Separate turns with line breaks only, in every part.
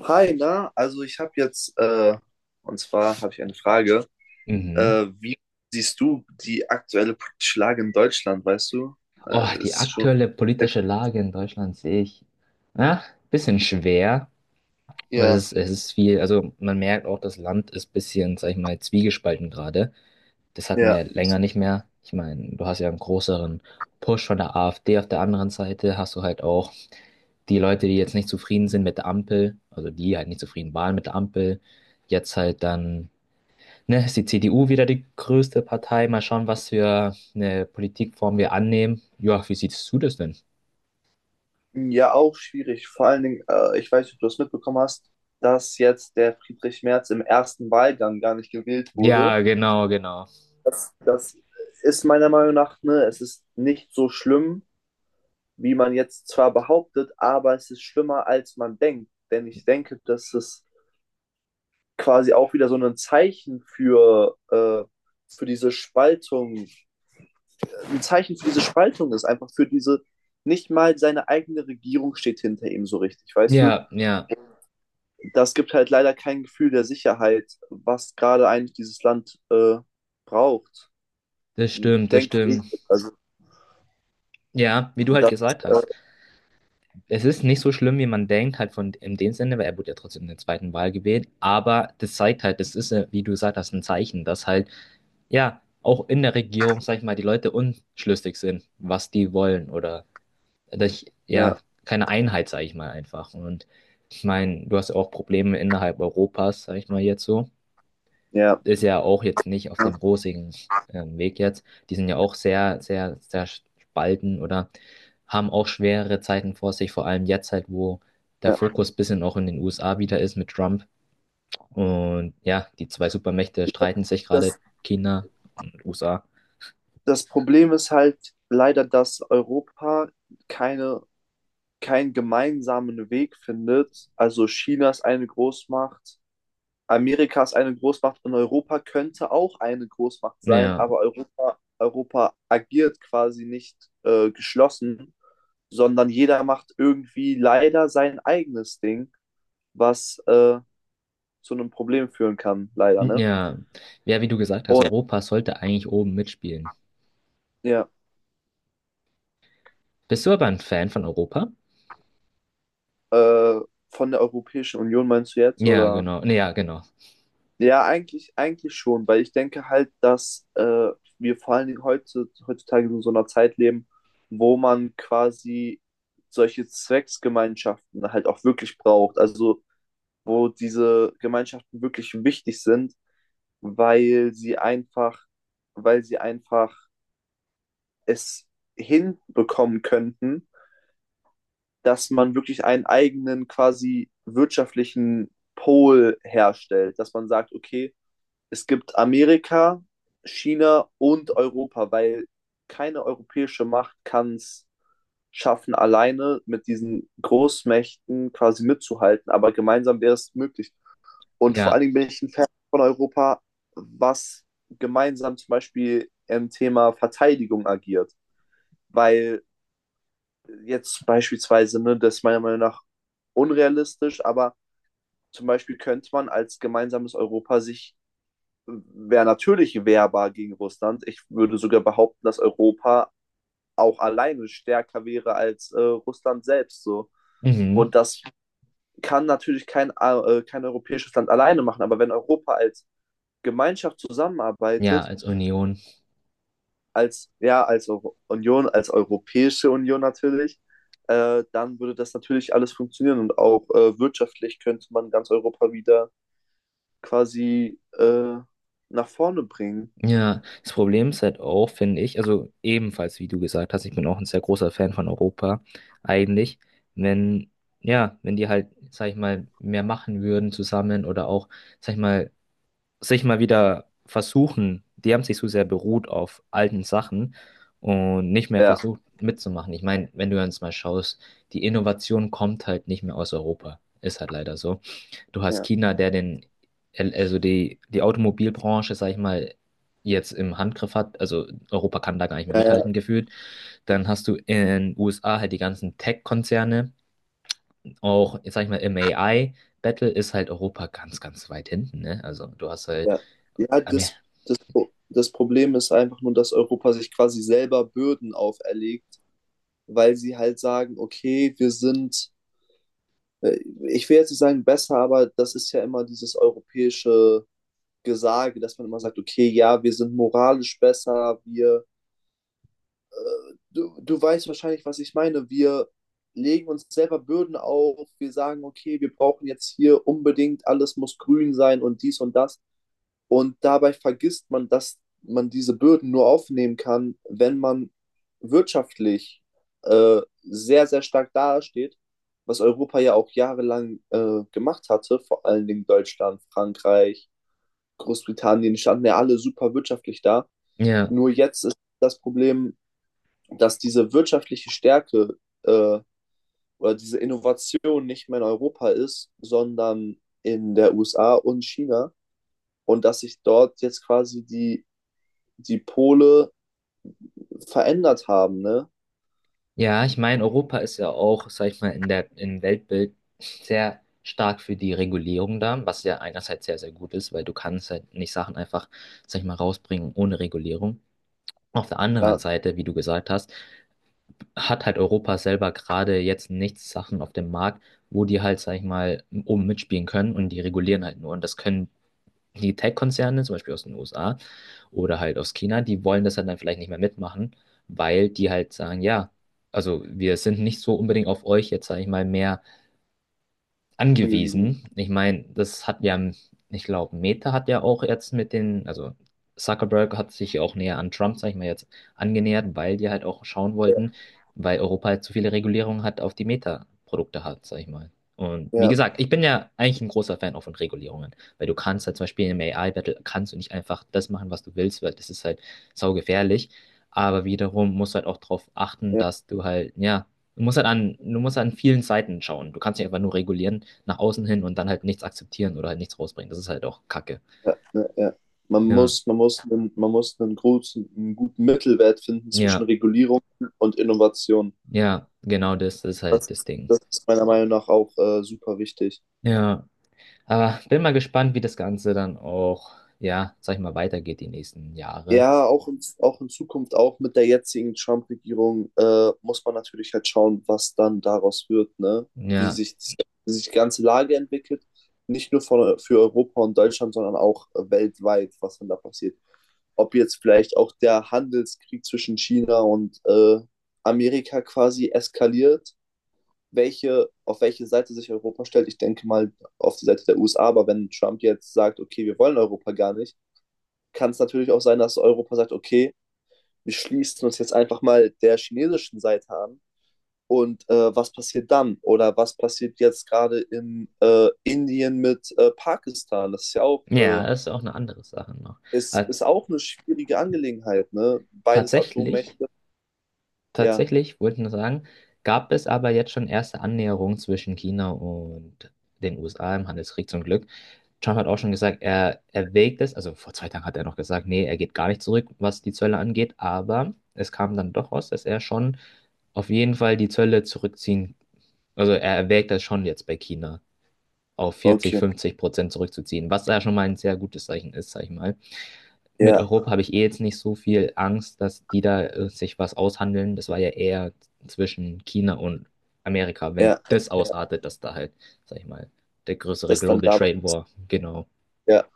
Hi, na, also ich habe jetzt, und zwar habe ich eine Frage.
Mhm.
Wie siehst du die aktuelle politische Lage in Deutschland, weißt du?
Oh, die
Ist schon,
aktuelle politische Lage in Deutschland sehe ich, ja, bisschen schwer. Aber Es
ja,
ist, es ist viel, also man merkt auch, das Land ist bisschen, sag ich mal, zwiegespalten gerade. Das hatten
ja,
wir länger nicht mehr. Ich meine, du hast ja einen größeren Push von der AfD. Auf der anderen Seite hast du halt auch die Leute, die jetzt nicht zufrieden sind mit der Ampel, also die halt nicht zufrieden waren mit der Ampel, jetzt halt dann. Ne, ist die CDU wieder die größte Partei. Mal schauen, was für eine Politikform wir annehmen. Ja, wie siehst du das denn?
ja, auch schwierig. Vor allen Dingen, ich weiß nicht, ob du das mitbekommen hast, dass jetzt der Friedrich Merz im ersten Wahlgang gar nicht gewählt wurde.
Ja, genau, genau.
Das ist meiner Meinung nach, ne, es ist nicht so schlimm, wie man jetzt zwar behauptet, aber es ist schlimmer, als man denkt. Denn ich denke, dass es quasi auch wieder so ein Zeichen für diese Spaltung, ein Zeichen für diese Spaltung ist, einfach für diese, nicht mal seine eigene Regierung steht hinter ihm so richtig, weißt du?
Ja, ja,
Das gibt halt leider kein Gefühl der Sicherheit, was gerade eigentlich dieses Land braucht,
das stimmt, das
denke ich.
stimmt.
Also
Ja, wie du halt
das,
gesagt
äh,
hast. Es ist nicht so schlimm, wie man denkt, halt von in dem Sinne, weil er wurde ja trotzdem in der zweiten Wahl gewählt. Aber das zeigt halt, das ist, wie du gesagt hast, ein Zeichen, dass halt, ja, auch in der Regierung, sag ich mal, die Leute unschlüssig sind, was die wollen oder ja,
ja,
keine Einheit, sage ich mal einfach. Und ich meine, du hast ja auch Probleme innerhalb Europas, sage ich mal jetzt so.
ja,
Ist ja auch jetzt nicht auf
ja.
dem rosigen Weg jetzt. Die sind ja auch sehr, sehr, sehr spalten oder haben auch schwere Zeiten vor sich, vor allem jetzt halt, wo der
Ja.
Fokus ein bisschen auch in den USA wieder ist mit Trump. Und ja, die zwei Supermächte streiten sich gerade,
Das,
China und USA.
das Problem ist halt leider, dass Europa keine keinen gemeinsamen Weg findet. Also China ist eine Großmacht, Amerika ist eine Großmacht und Europa könnte auch eine Großmacht sein,
Ja,
aber Europa agiert quasi nicht geschlossen, sondern jeder macht irgendwie leider sein eigenes Ding, was zu einem Problem führen kann, leider, ne?
ja, ja, wie du gesagt hast,
Und
Europa sollte eigentlich oben mitspielen.
ja,
Bist du aber ein Fan von Europa?
äh, von der Europäischen Union meinst du jetzt,
Ja,
oder?
genau. Nee, ja, genau.
Ja, eigentlich schon, weil ich denke halt, dass wir vor allen Dingen heutzutage in so einer Zeit leben, wo man quasi solche Zwecksgemeinschaften halt auch wirklich braucht. Also wo diese Gemeinschaften wirklich wichtig sind, weil sie einfach, weil sie einfach es hinbekommen könnten, dass man wirklich einen eigenen quasi wirtschaftlichen Pol herstellt, dass man sagt, okay, es gibt Amerika, China und Europa, weil keine europäische Macht kann es schaffen, alleine mit diesen Großmächten quasi mitzuhalten, aber gemeinsam wäre es möglich. Und vor allen
Ja.
Dingen bin ich ein Fan von Europa, was gemeinsam zum Beispiel im Thema Verteidigung agiert, weil jetzt beispielsweise, ne, das ist meiner Meinung nach unrealistisch, aber zum Beispiel könnte man als gemeinsames Europa sich wäre natürlich wehrbar gegen Russland. Ich würde sogar behaupten, dass Europa auch alleine stärker wäre als Russland selbst so.
Mhm.
Und das kann natürlich kein, kein europäisches Land alleine machen, aber wenn Europa als Gemeinschaft
Ja,
zusammenarbeitet,
als Union.
als, ja, als Euro Union, als Europäische Union natürlich, dann würde das natürlich alles funktionieren und auch wirtschaftlich könnte man ganz Europa wieder quasi nach vorne bringen.
Ja, das Problem ist halt auch, finde ich, also ebenfalls, wie du gesagt hast, ich bin auch ein sehr großer Fan von Europa, eigentlich, wenn, ja, wenn die halt, sag ich mal, mehr machen würden zusammen oder auch, sag ich mal, sich mal wieder versuchen, die haben sich so sehr beruht auf alten Sachen und nicht mehr
Ja,
versucht mitzumachen. Ich meine, wenn du jetzt mal schaust, die Innovation kommt halt nicht mehr aus Europa. Ist halt leider so. Du hast
ja,
China, der den, also die Automobilbranche, sag ich mal, jetzt im Handgriff hat. Also Europa kann da gar nicht mehr
ja,
mithalten gefühlt. Dann hast du in USA halt die ganzen Tech-Konzerne, auch, jetzt sag ich mal, im AI. Battle ist halt Europa ganz, ganz weit hinten, ne? Also du hast halt
ja, ja
Amer-
das, Pro- das Problem ist einfach nur, dass Europa sich quasi selber Bürden auferlegt, weil sie halt sagen, okay, wir sind, äh, ich will jetzt nicht sagen besser, aber das ist ja immer dieses europäische Gesage, dass man immer sagt, okay, ja, wir sind moralisch besser, wir, du weißt wahrscheinlich, was ich meine, wir legen uns selber Bürden auf, wir sagen, okay, wir brauchen jetzt hier unbedingt, alles muss grün sein und dies und das. Und dabei vergisst man, dass man diese Bürden nur aufnehmen kann, wenn man wirtschaftlich sehr, sehr stark dasteht, was Europa ja auch jahrelang gemacht hatte, vor allen Dingen Deutschland, Frankreich, Großbritannien, die standen ja alle super wirtschaftlich da.
ja,
Nur jetzt ist das Problem, dass diese wirtschaftliche Stärke äh, oder diese Innovation nicht mehr in Europa ist, sondern in der USA und China und dass sich dort jetzt quasi die Pole verändert haben, ne?
ja, ich meine, Europa ist ja auch, sag ich mal, in der, im Weltbild sehr stark für die Regulierung da, was ja einerseits sehr, sehr gut ist, weil du kannst halt nicht Sachen einfach, sag ich mal, rausbringen ohne Regulierung. Auf der anderen
Klar,
Seite, wie du gesagt hast, hat halt Europa selber gerade jetzt nichts Sachen auf dem Markt, wo die halt, sag ich mal, oben mitspielen können und die regulieren halt nur. Und das können die Tech-Konzerne, zum Beispiel aus den USA, oder halt aus China, die wollen das halt dann vielleicht nicht mehr mitmachen, weil die halt sagen, ja, also wir sind nicht so unbedingt auf euch jetzt, sage ich mal, mehr
angewiesen.
angewiesen. Ich meine, das hat ja, ich glaube, Meta hat ja auch jetzt mit den, also Zuckerberg hat sich ja auch näher an Trump, sag ich mal jetzt, angenähert, weil die halt auch schauen
Ja,
wollten, weil Europa halt zu viele Regulierungen hat, auf die Meta-Produkte hat, sag ich mal. Und wie
ja,
gesagt, ich bin ja eigentlich ein großer Fan auch von Regulierungen, weil du kannst halt zum Beispiel im AI-Battle kannst du nicht einfach das machen, was du willst, weil das ist halt saugefährlich. Aber wiederum musst du halt auch darauf achten,
ja,
dass du halt, ja, du musst halt an, du musst an vielen Seiten schauen. Du kannst nicht einfach nur regulieren, nach außen hin und dann halt nichts akzeptieren oder halt nichts rausbringen. Das ist halt auch Kacke.
ja, ja.
Ja,
Man muss einen guten Mittelwert finden zwischen
ja,
Regulierung und Innovation.
ja, genau das ist halt das Ding.
Das ist meiner Meinung nach auch super wichtig.
Ja, aber bin mal gespannt, wie das Ganze dann auch, ja, sag ich mal, weitergeht die nächsten Jahre.
Ja, auch in Zukunft, auch mit der jetzigen Trump-Regierung, muss man natürlich halt schauen, was dann daraus wird, ne? Wie
Ja,
sich, wie sich die ganze Lage entwickelt. Nicht nur für Europa und Deutschland, sondern auch weltweit, was dann da passiert. Ob jetzt vielleicht auch der Handelskrieg zwischen China und Amerika quasi eskaliert, auf welche Seite sich Europa stellt. Ich denke mal auf die Seite der USA, aber wenn Trump jetzt sagt, okay, wir wollen Europa gar nicht, kann es natürlich auch sein, dass Europa sagt, okay, wir schließen uns jetzt einfach mal der chinesischen Seite an. Und was passiert dann? Oder was passiert jetzt gerade in Indien mit Pakistan? Das ist ja auch,
ja, das ist auch eine andere Sache noch. Aber
ist auch eine schwierige Angelegenheit, ne? Beides
tatsächlich
Atommächte. Ja,
Tatsächlich, wollte ich nur sagen, gab es aber jetzt schon erste Annäherungen zwischen China und den USA im Handelskrieg zum Glück. Trump hat auch schon gesagt, er erwägt es, also vor 2 Tagen hat er noch gesagt, nee, er geht gar nicht zurück, was die Zölle angeht, aber es kam dann doch raus, dass er schon auf jeden Fall die Zölle zurückziehen, also er erwägt das schon jetzt bei China, auf 40,
okay.
50% zurückzuziehen, was ja schon mal ein sehr gutes Zeichen ist, sag ich mal. Mit
Ja,
Europa habe ich eh jetzt nicht so viel Angst, dass die da sich was aushandeln. Das war ja eher zwischen China und Amerika, wenn
ja,
das
ja.
ausartet, dass da halt, sag ich mal, der größere
Das dann
Global
da.
Trade War, genau.
Ja.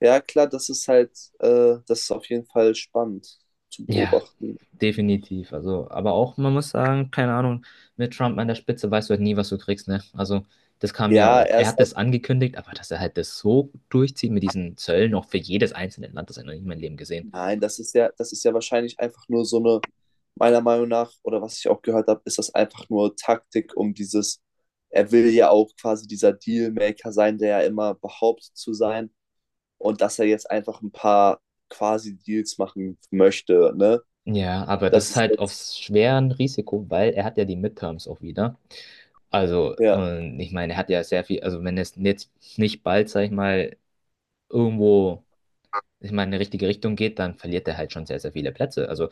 Ja, klar, das ist halt, das ist auf jeden Fall spannend zu
Ja,
beobachten.
definitiv. Also, aber auch, man muss sagen, keine Ahnung, mit Trump an der Spitze weißt du halt nie, was du kriegst, ne? Also, das kam ja
Ja,
auch.
er
Er
ist
hat das angekündigt, aber dass er halt das so durchzieht mit diesen Zöllen, auch für jedes einzelne Land, das habe ich noch nie in meinem Leben gesehen.
Nein, das ist ja wahrscheinlich einfach nur so eine, meiner Meinung nach, oder was ich auch gehört habe, ist das einfach nur Taktik, um dieses, er will ja auch quasi dieser Dealmaker sein, der ja immer behauptet zu sein und dass er jetzt einfach ein paar quasi Deals machen möchte, ne?
Ja, aber das
Das
ist
ist
halt auf
jetzt,
schwer ein Risiko, weil er hat ja die Midterms auch wieder. Also,
ja,
und ich meine, er hat ja sehr viel, also wenn es jetzt nicht bald, sag ich mal, irgendwo, ich meine, in die richtige Richtung geht, dann verliert er halt schon sehr, sehr viele Plätze. Also,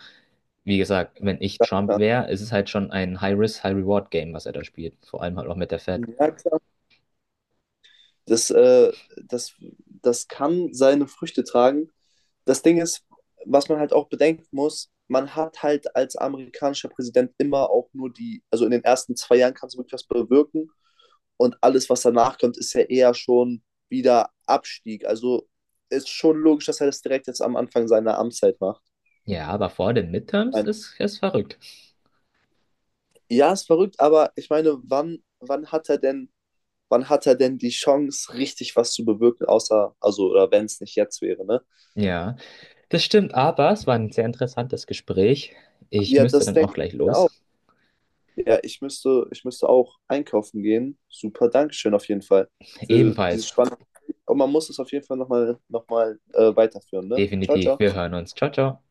wie gesagt, wenn ich Trump wäre, ist es halt schon ein High-Risk, High-Reward-Game, was er da spielt. Vor allem halt auch mit der Fed.
ja, klar. Das, äh, das, das kann seine Früchte tragen. Das Ding ist, was man halt auch bedenken muss, man hat halt als amerikanischer Präsident immer auch nur die, also in den ersten 2 Jahren kannst du wirklich was bewirken und alles, was danach kommt, ist ja eher schon wieder Abstieg. Also ist schon logisch, dass er das direkt jetzt am Anfang seiner Amtszeit macht.
Ja, aber vor den Midterms
Ein-
ist es verrückt.
Ja, ist verrückt, aber ich meine, wann hat er denn, wann hat er denn die Chance, richtig was zu bewirken, außer, also, oder wenn es nicht jetzt wäre, ne?
Ja, das stimmt, aber es war ein sehr interessantes Gespräch. Ich
Ja,
müsste
das
dann auch
denke ich
gleich
mir auch.
los.
Ja, ich müsste auch einkaufen gehen. Super, Dankeschön auf jeden Fall für dieses
Ebenfalls.
spannende. Und man muss es auf jeden Fall noch mal, weiterführen, ne? Ciao,
Definitiv.
ciao.
Wir hören uns. Ciao, ciao.